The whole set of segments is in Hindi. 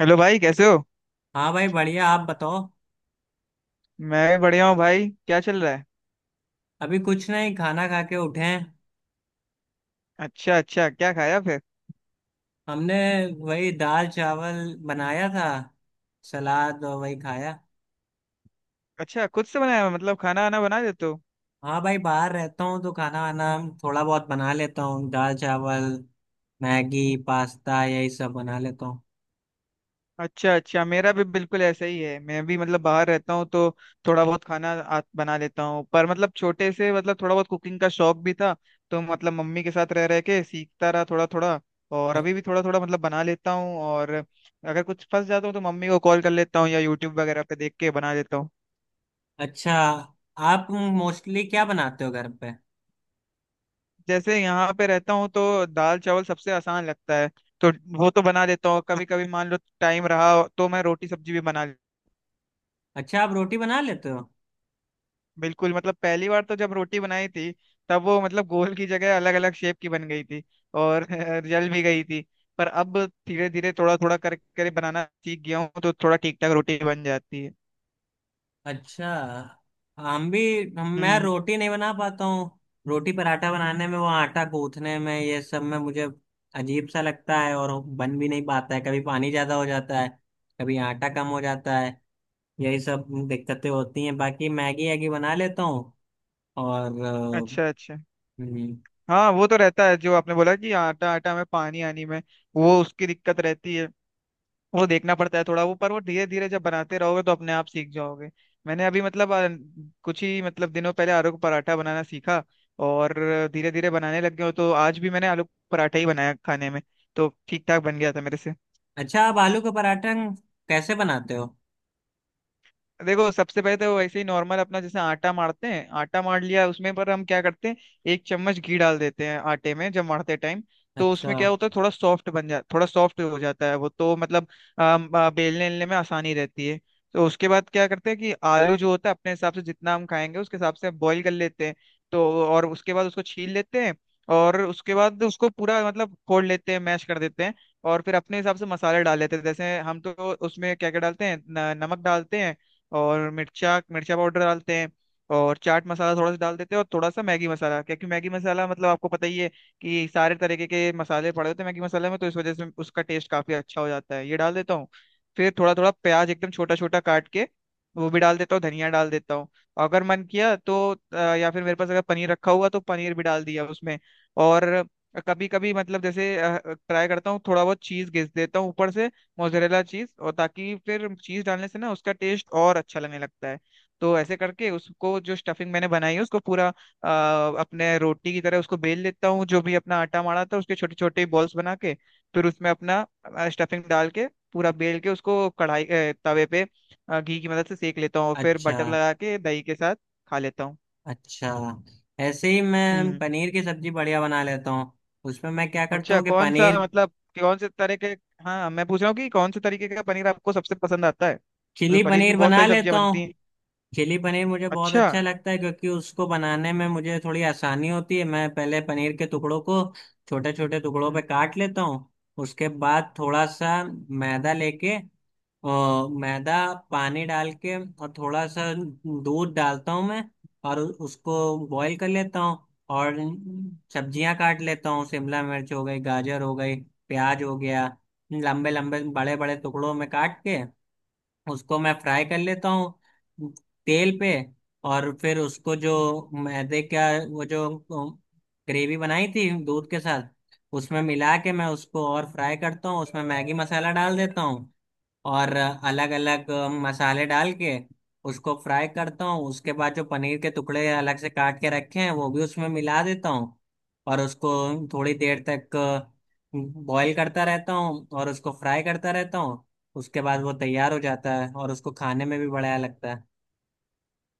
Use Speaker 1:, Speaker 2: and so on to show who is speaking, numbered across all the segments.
Speaker 1: हेलो भाई, कैसे हो?
Speaker 2: हाँ भाई, बढ़िया, आप बताओ।
Speaker 1: मैं भी बढ़िया हूँ भाई। क्या चल रहा है?
Speaker 2: अभी कुछ नहीं, खाना खा के उठे हैं।
Speaker 1: अच्छा अच्छा, क्या खाया फिर?
Speaker 2: हमने वही दाल चावल बनाया था। सलाद और वही खाया।
Speaker 1: अच्छा, खुद से बनाया? मतलब खाना आना बना देते हो?
Speaker 2: हाँ भाई, बाहर रहता हूँ तो खाना वाना थोड़ा बहुत बना लेता हूँ, दाल चावल मैगी पास्ता यही सब बना लेता हूँ।
Speaker 1: अच्छा अच्छा, मेरा भी बिल्कुल ऐसा ही है। मैं भी मतलब बाहर रहता हूँ, तो थोड़ा बहुत खाना बना लेता हूँ। पर मतलब छोटे से मतलब थोड़ा बहुत कुकिंग का शौक भी था, तो मतलब मम्मी के साथ रह रह के सीखता रहा थोड़ा थोड़ा। और
Speaker 2: अ-
Speaker 1: अभी भी थोड़ा थोड़ा मतलब बना लेता हूँ, और अगर कुछ फंस जाता हूँ तो मम्मी को कॉल कर लेता हूँ या यूट्यूब वगैरह पे देख के बना लेता हूँ।
Speaker 2: अच्छा, आप मोस्टली क्या बनाते हो घर पे?
Speaker 1: जैसे यहाँ पे रहता हूँ तो दाल चावल सबसे आसान लगता है, तो वो तो बना लेता हूँ। कभी कभी मान लो टाइम रहा तो मैं रोटी सब्जी भी बना ले।
Speaker 2: अच्छा, आप रोटी बना लेते हो?
Speaker 1: बिल्कुल मतलब पहली बार तो जब रोटी बनाई थी, तब वो मतलब गोल की जगह अलग अलग शेप की बन गई थी। और जल भी गई थी। पर अब धीरे धीरे थोड़ा थोड़ा कर कर बनाना सीख गया हूँ, तो थोड़ा ठीक ठाक रोटी बन जाती है।
Speaker 2: अच्छा। हम भी, हम
Speaker 1: हम्म,
Speaker 2: मैं
Speaker 1: हम्म।
Speaker 2: रोटी नहीं बना पाता हूँ। रोटी पराठा बनाने में, वो आटा गूंथने में, ये सब में मुझे अजीब सा लगता है और बन भी नहीं पाता है। कभी पानी ज्यादा हो जाता है, कभी आटा कम हो जाता है। यही सब दिक्कतें होती हैं, बाकी मैगी वैगी बना लेता हूँ। और
Speaker 1: अच्छा अच्छा।
Speaker 2: हम्म,
Speaker 1: हाँ वो तो रहता है, जो आपने बोला कि आटा आटा में पानी आनी में, वो उसकी दिक्कत रहती है। वो देखना पड़ता है थोड़ा वो, पर वो धीरे धीरे जब बनाते रहोगे तो अपने आप सीख जाओगे। मैंने अभी मतलब कुछ ही मतलब दिनों पहले आलू का पराठा बनाना सीखा, और धीरे धीरे बनाने लग गया हूं, तो आज भी मैंने आलू का पराठा ही बनाया खाने में। तो ठीक ठाक बन गया था मेरे से।
Speaker 2: अच्छा, आप आलू का पराठा कैसे बनाते हो?
Speaker 1: देखो, सबसे पहले तो वैसे ही नॉर्मल अपना जैसे आटा मारते हैं, आटा मार लिया। उसमें पर हम क्या करते हैं, एक चम्मच घी डाल देते हैं आटे में जब मारते टाइम। तो
Speaker 2: अच्छा,
Speaker 1: उसमें क्या होता है, थोड़ा सॉफ्ट हो जाता है वो, तो मतलब बेलने बेलने में आसानी रहती है। तो उसके बाद क्या करते हैं कि आलू जो होता है अपने हिसाब से जितना हम खाएंगे उसके हिसाब से बॉईल कर लेते हैं। तो और उसके बाद उसको छील लेते हैं, और उसके बाद उसको पूरा मतलब फोड़ लेते हैं, मैश कर देते हैं। और फिर अपने हिसाब से मसाले डाल लेते हैं, जैसे हम तो उसमें क्या क्या डालते हैं, नमक डालते हैं, और मिर्चा मिर्चा पाउडर डालते हैं, और चाट मसाला थोड़ा सा डाल देते हैं, और थोड़ा सा मैगी मसाला, क्योंकि मैगी मसाला मतलब आपको पता ही है कि सारे तरीके के मसाले पड़े होते हैं मैगी मसाले में, तो इस वजह से उसका टेस्ट काफी अच्छा हो जाता है, ये डाल देता हूँ। फिर थोड़ा थोड़ा प्याज एकदम छोटा छोटा काट के वो भी डाल देता हूँ, धनिया डाल देता हूँ। अगर मन किया तो या फिर मेरे पास अगर पनीर रखा हुआ तो पनीर भी डाल दिया उसमें। और कभी कभी मतलब जैसे ट्राई करता हूँ, थोड़ा बहुत चीज घिस देता हूँ ऊपर से, मोजरेला चीज, और ताकि फिर चीज डालने से ना उसका टेस्ट और अच्छा लगने लगता है। तो ऐसे करके उसको जो स्टफिंग मैंने बनाई है उसको पूरा अपने रोटी की तरह उसको बेल लेता हूँ, जो भी अपना आटा माड़ा था उसके छोटे छोटे बॉल्स बना के, फिर उसमें अपना स्टफिंग डाल के, पूरा बेल के उसको तवे पे घी की मदद से सेक लेता हूँ, और फिर
Speaker 2: अच्छा,
Speaker 1: बटर लगा के दही के साथ खा लेता हूँ।
Speaker 2: अच्छा। ऐसे ही मैं
Speaker 1: हम्म।
Speaker 2: पनीर की सब्जी बढ़िया बना लेता हूँ। उसमें मैं क्या करता
Speaker 1: अच्छा,
Speaker 2: हूँ कि
Speaker 1: कौन सा
Speaker 2: पनीर,
Speaker 1: मतलब कौन से तरह के, हाँ मैं पूछ रहा हूँ कि कौन से तरीके का पनीर आपको सबसे पसंद आता है? मतलब
Speaker 2: चिली
Speaker 1: पनीर की
Speaker 2: पनीर
Speaker 1: बहुत
Speaker 2: बना
Speaker 1: सारी
Speaker 2: लेता
Speaker 1: सब्जियां
Speaker 2: हूँ।
Speaker 1: बनती हैं।
Speaker 2: चिली पनीर मुझे बहुत
Speaker 1: अच्छा।
Speaker 2: अच्छा लगता है, क्योंकि उसको बनाने में मुझे थोड़ी आसानी होती है। मैं पहले पनीर के टुकड़ों को छोटे छोटे टुकड़ों
Speaker 1: हम्म।
Speaker 2: पे काट लेता हूँ। उसके बाद थोड़ा सा मैदा लेके, और मैदा पानी डाल के, और थोड़ा सा दूध डालता हूँ मैं। और उसको बॉईल कर लेता हूँ। और सब्जियां काट लेता हूँ, शिमला मिर्च हो गई, गाजर हो गई, प्याज हो गया, लंबे लंबे बड़े बड़े टुकड़ों में काट के उसको मैं फ्राई कर लेता हूँ तेल पे। और फिर उसको जो मैदे का, वो जो ग्रेवी बनाई थी दूध के साथ, उसमें मिला के मैं उसको और फ्राई करता हूँ। उसमें मैगी मसाला डाल देता हूँ और अलग अलग मसाले डाल के उसको फ्राई करता हूँ। उसके बाद जो पनीर के टुकड़े अलग से काट के रखे हैं, वो भी उसमें मिला देता हूँ और उसको थोड़ी देर तक बॉईल करता रहता हूँ और उसको फ्राई करता रहता हूँ। उसके बाद वो तैयार हो जाता है और उसको खाने में भी बढ़िया लगता है।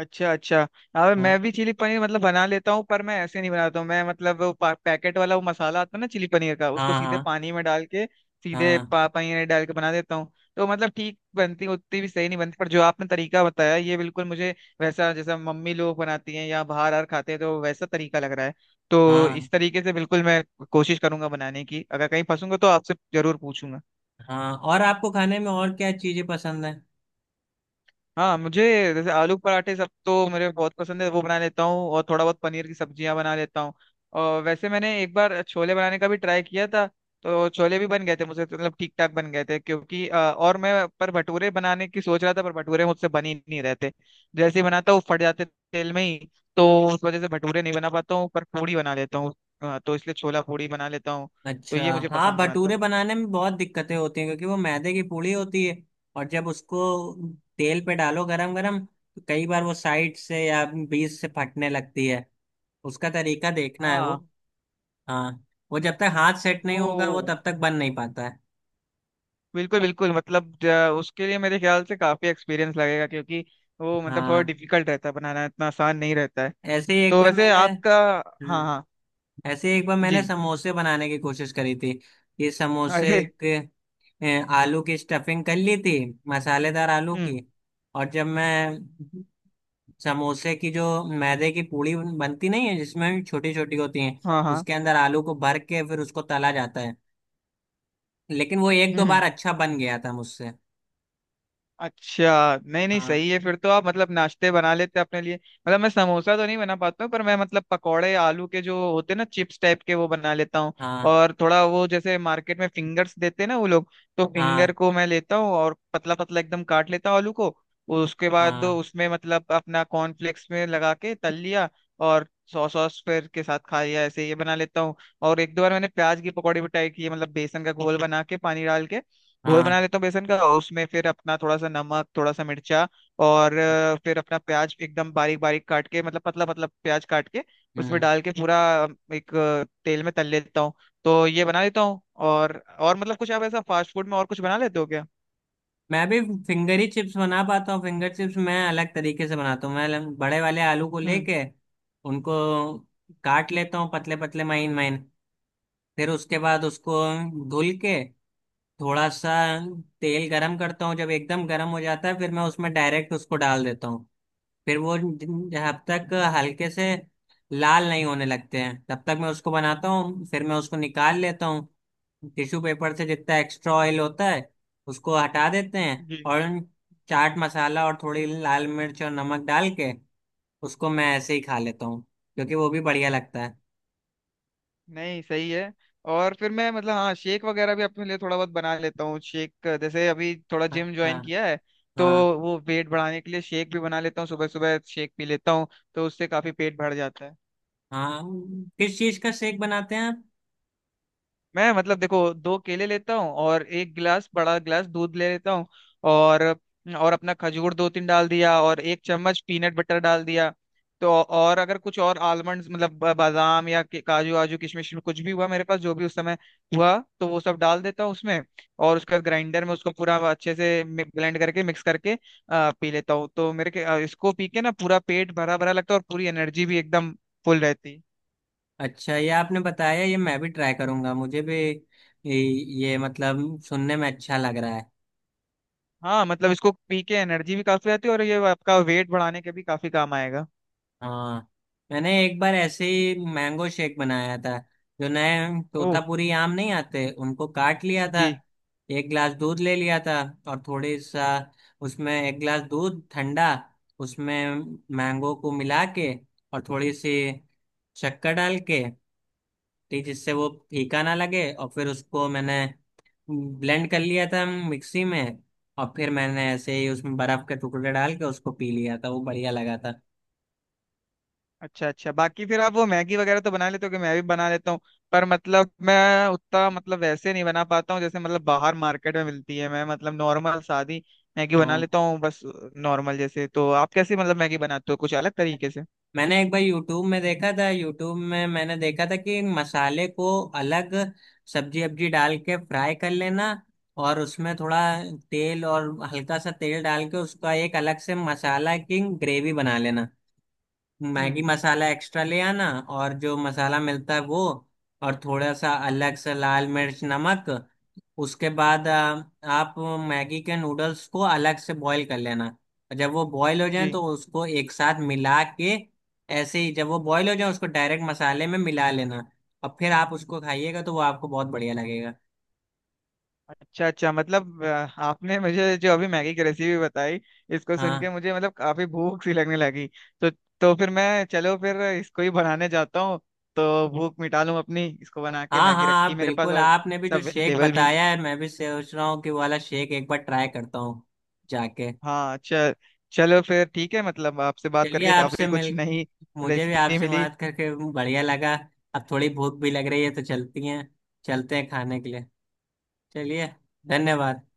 Speaker 1: अच्छा अच्छा। अब मैं
Speaker 2: हाँ,
Speaker 1: भी चिली पनीर मतलब बना लेता हूँ, पर मैं ऐसे नहीं बनाता हूँ। मैं मतलब वो पैकेट वाला वो मसाला आता है ना चिली पनीर का, उसको
Speaker 2: हाँ,
Speaker 1: सीधे
Speaker 2: हाँ,
Speaker 1: पानी में डाल के सीधे
Speaker 2: हाँ,
Speaker 1: पनीर डाल के बना देता हूँ। तो मतलब ठीक बनती, उतनी भी सही नहीं बनती, पर जो आपने तरीका बताया ये बिल्कुल मुझे वैसा जैसा मम्मी लोग बनाती हैं या बाहर आर खाते हैं, तो वैसा तरीका लग रहा है। तो
Speaker 2: हाँ,
Speaker 1: इस तरीके से बिल्कुल मैं कोशिश करूंगा बनाने की, अगर कहीं फंसूंगा तो आपसे जरूर पूछूंगा।
Speaker 2: हाँ। और आपको खाने में और क्या चीज़ें पसंद है?
Speaker 1: हाँ, मुझे जैसे आलू पराठे सब तो मेरे बहुत पसंद है, वो बना लेता हूँ, और थोड़ा बहुत पनीर की सब्जियां बना लेता हूँ। और वैसे मैंने एक बार छोले बनाने का भी ट्राई किया था, तो छोले भी बन गए थे मुझसे, तो मतलब ठीक ठाक बन गए थे। क्योंकि और मैं पर भटूरे बनाने की सोच रहा था, पर भटूरे मुझसे बन ही नहीं रहते, जैसे ही बनाता हूँ फट जाते तेल में ही। तो उस वजह से भटूरे नहीं बना पाता हूँ, पर पूड़ी बना लेता हूँ, तो इसलिए छोला पूड़ी बना लेता हूँ। तो
Speaker 2: अच्छा।
Speaker 1: ये मुझे
Speaker 2: हाँ,
Speaker 1: पसंद है
Speaker 2: भटूरे
Speaker 1: मतलब।
Speaker 2: बनाने में बहुत दिक्कतें होती हैं क्योंकि वो मैदे की पूड़ी होती है। और जब उसको तेल पे डालो गरम गरम, तो कई बार वो साइड से या बीच से फटने लगती है। उसका तरीका देखना है वो।
Speaker 1: हाँ
Speaker 2: हाँ। वो जब तक हाथ सेट नहीं
Speaker 1: वो
Speaker 2: होगा, वो तब तक बन नहीं पाता है।
Speaker 1: बिल्कुल बिल्कुल मतलब, उसके लिए मेरे ख्याल से काफी एक्सपीरियंस लगेगा, क्योंकि वो मतलब थोड़ा
Speaker 2: हाँ।
Speaker 1: डिफिकल्ट रहता है, बनाना इतना आसान नहीं रहता है।
Speaker 2: ऐसे ही एक
Speaker 1: तो
Speaker 2: बार
Speaker 1: वैसे
Speaker 2: मैंने
Speaker 1: आपका? हाँ
Speaker 2: हम्म,
Speaker 1: हाँ।
Speaker 2: ऐसे ही एक बार
Speaker 1: जी।
Speaker 2: मैंने समोसे बनाने की कोशिश करी थी। ये समोसे
Speaker 1: अरे।
Speaker 2: के आलू की स्टफिंग कर ली थी, मसालेदार आलू
Speaker 1: हम्म।
Speaker 2: की। और जब मैं समोसे की जो मैदे की पूड़ी बनती नहीं है जिसमें छोटी छोटी होती है,
Speaker 1: हाँ हाँ।
Speaker 2: उसके अंदर आलू को भर के फिर उसको तला जाता है। लेकिन वो एक
Speaker 1: हम्म,
Speaker 2: दो बार अच्छा बन गया था मुझसे।
Speaker 1: अच्छा, नहीं नहीं,
Speaker 2: हाँ,
Speaker 1: सही है। फिर तो आप मतलब नाश्ते बना लेते हैं अपने लिए। मतलब मैं समोसा तो नहीं बना पाता हूँ, पर मैं मतलब पकौड़े आलू के जो होते हैं ना चिप्स टाइप के, वो बना लेता हूँ।
Speaker 2: हाँ,
Speaker 1: और थोड़ा वो जैसे मार्केट में फिंगर्स देते हैं ना वो लोग, तो
Speaker 2: हाँ,
Speaker 1: फिंगर को मैं लेता हूँ और पतला पतला एकदम काट लेता हूँ आलू को, उसके बाद
Speaker 2: हाँ,
Speaker 1: उसमें मतलब अपना कॉर्नफ्लेक्स में लगा के तल लिया, और सॉस सॉस फिर के साथ खा लिया, ऐसे ये बना लेता हूँ। और एक दो बार मैंने प्याज की पकौड़ी भी ट्राई की है, मतलब बेसन का घोल बना के पानी डाल के घोल बना
Speaker 2: हाँ,
Speaker 1: लेता हूँ बेसन का, और उसमें फिर अपना थोड़ा सा नमक, थोड़ा सा मिर्चा, और फिर अपना प्याज एकदम बारीक बारीक काट के मतलब पतला पतला प्याज काट के उसमें
Speaker 2: हम्म।
Speaker 1: डाल के पूरा अ, एक तेल में तल लेता हूँ। तो ये बना लेता हूँ। और मतलब कुछ आप ऐसा फास्ट फूड में और कुछ बना लेते हो क्या?
Speaker 2: मैं भी फिंगर ही चिप्स बना पाता हूँ। फिंगर चिप्स मैं अलग तरीके से बनाता हूँ। मैं बड़े वाले आलू को
Speaker 1: हम्म।
Speaker 2: लेके उनको काट लेता हूँ पतले पतले महीन महीन। फिर उसके बाद उसको धुल के थोड़ा सा तेल गरम करता हूँ। जब एकदम गरम हो जाता है फिर मैं उसमें डायरेक्ट उसको डाल देता हूँ। फिर वो जब तक हल्के से लाल नहीं होने लगते हैं तब तक मैं उसको बनाता हूँ। फिर मैं उसको निकाल लेता हूँ, टिश्यू पेपर से जितना एक्स्ट्रा ऑयल होता है उसको हटा देते हैं,
Speaker 1: जी।
Speaker 2: और चाट मसाला और थोड़ी लाल मिर्च और नमक डाल के उसको मैं ऐसे ही खा लेता हूँ, क्योंकि वो भी बढ़िया लगता है।
Speaker 1: नहीं, सही है। और फिर मैं मतलब हाँ शेक वगैरह भी अपने लिए थोड़ा बहुत बना लेता हूँ, शेक जैसे अभी थोड़ा जिम
Speaker 2: अच्छा,
Speaker 1: ज्वाइन किया है, तो
Speaker 2: हाँ,
Speaker 1: वो वेट बढ़ाने के लिए शेक भी बना लेता हूँ, सुबह सुबह शेक पी लेता हूँ, तो उससे काफी पेट भर जाता है।
Speaker 2: हाँ। किस चीज़ का शेक बनाते हैं आप?
Speaker 1: मैं मतलब देखो, दो केले लेता हूँ, और एक गिलास बड़ा गिलास दूध ले लेता हूँ, और और अपना खजूर दो तीन डाल दिया, और एक चम्मच पीनट बटर डाल दिया। तो और अगर कुछ और आलमंड्स मतलब बादाम या काजू वाजू किशमिश में कुछ भी हुआ मेरे पास जो भी उस समय हुआ, तो वो सब डाल देता हूँ उसमें। और उसका ग्राइंडर में उसको पूरा अच्छे से ब्लेंड करके मिक्स करके पी लेता हूँ, तो मेरे के इसको पी के ना पूरा पेट भरा भरा लगता है और पूरी एनर्जी भी एकदम फुल रहती है।
Speaker 2: अच्छा, ये आपने बताया, ये मैं भी ट्राई करूंगा। मुझे भी ये, मतलब सुनने में अच्छा लग रहा है।
Speaker 1: हाँ मतलब इसको पी के एनर्जी भी काफी आती है, और ये आपका वेट बढ़ाने के भी काफी काम आएगा।
Speaker 2: हाँ, मैंने एक बार ऐसे ही मैंगो शेक बनाया था। जो नए
Speaker 1: ओह।
Speaker 2: तोतापुरी आम नहीं आते, उनको काट लिया था।
Speaker 1: जी।
Speaker 2: एक ग्लास दूध ले लिया था और थोड़ी सा, उसमें एक ग्लास दूध ठंडा, उसमें मैंगो को मिला के और थोड़ी सी शक्कर डाल के टी, जिससे वो फीका ना लगे। और फिर उसको मैंने ब्लेंड कर लिया था मिक्सी में। और फिर मैंने ऐसे ही उसमें बर्फ के टुकड़े डाल के उसको पी लिया था, वो बढ़िया लगा था।
Speaker 1: अच्छा अच्छा, बाकी फिर आप वो मैगी वगैरह तो बना लेते हो कि? मैं भी बना लेता हूँ, पर मतलब मैं उतना मतलब वैसे नहीं बना पाता हूँ जैसे मतलब बाहर मार्केट में मिलती है। मैं मतलब नॉर्मल सादी मैगी बना
Speaker 2: हाँ,
Speaker 1: लेता हूँ बस, नॉर्मल जैसे। तो आप कैसे मतलब मैगी बनाते हो, कुछ अलग तरीके से?
Speaker 2: मैंने एक बार यूट्यूब में देखा था। यूट्यूब में मैंने देखा था कि मसाले को अलग सब्जी अब्जी डाल के फ्राई कर लेना। और उसमें थोड़ा तेल, और हल्का सा तेल डाल के उसका एक अलग से मसाला की ग्रेवी बना लेना। मैगी
Speaker 1: हम्म।
Speaker 2: मसाला एक्स्ट्रा ले आना, और जो मसाला मिलता है वो, और थोड़ा सा अलग से लाल मिर्च नमक। उसके बाद आप मैगी के नूडल्स को अलग से बॉईल कर लेना। और जब वो बॉईल हो जाए
Speaker 1: जी।
Speaker 2: तो उसको एक साथ मिला के, ऐसे ही जब वो बॉईल हो जाए उसको डायरेक्ट मसाले में मिला लेना। और फिर आप उसको खाइएगा तो वो आपको बहुत बढ़िया लगेगा।
Speaker 1: अच्छा अच्छा, मतलब आपने मुझे जो अभी मैगी की रेसिपी बताई, इसको सुन के
Speaker 2: हाँ,
Speaker 1: मुझे मतलब काफी भूख सी लगने लगी। तो तो फिर मैं, चलो फिर इसको ही बनाने जाता हूँ, तो भूख मिटा लूँ अपनी इसको बना के,
Speaker 2: हाँ। हाँ,
Speaker 1: मैगी रखी
Speaker 2: आप
Speaker 1: है मेरे पास
Speaker 2: बिल्कुल।
Speaker 1: और
Speaker 2: आपने भी जो
Speaker 1: सब
Speaker 2: शेक
Speaker 1: वेजिटेबल भी।
Speaker 2: बताया है, मैं भी सोच रहा हूँ कि वो वाला शेक एक बार ट्राई करता हूँ जाके।
Speaker 1: हाँ, अच्छा, चलो फिर ठीक है। मतलब आपसे बात
Speaker 2: चलिए,
Speaker 1: करके
Speaker 2: आपसे
Speaker 1: काफी कुछ
Speaker 2: मिल
Speaker 1: नई
Speaker 2: मुझे भी
Speaker 1: रेसिपी
Speaker 2: आपसे
Speaker 1: मिली।
Speaker 2: बात करके बढ़िया लगा। अब थोड़ी भूख भी लग रही है, तो चलती हैं चलते हैं खाने के लिए। चलिए, धन्यवाद।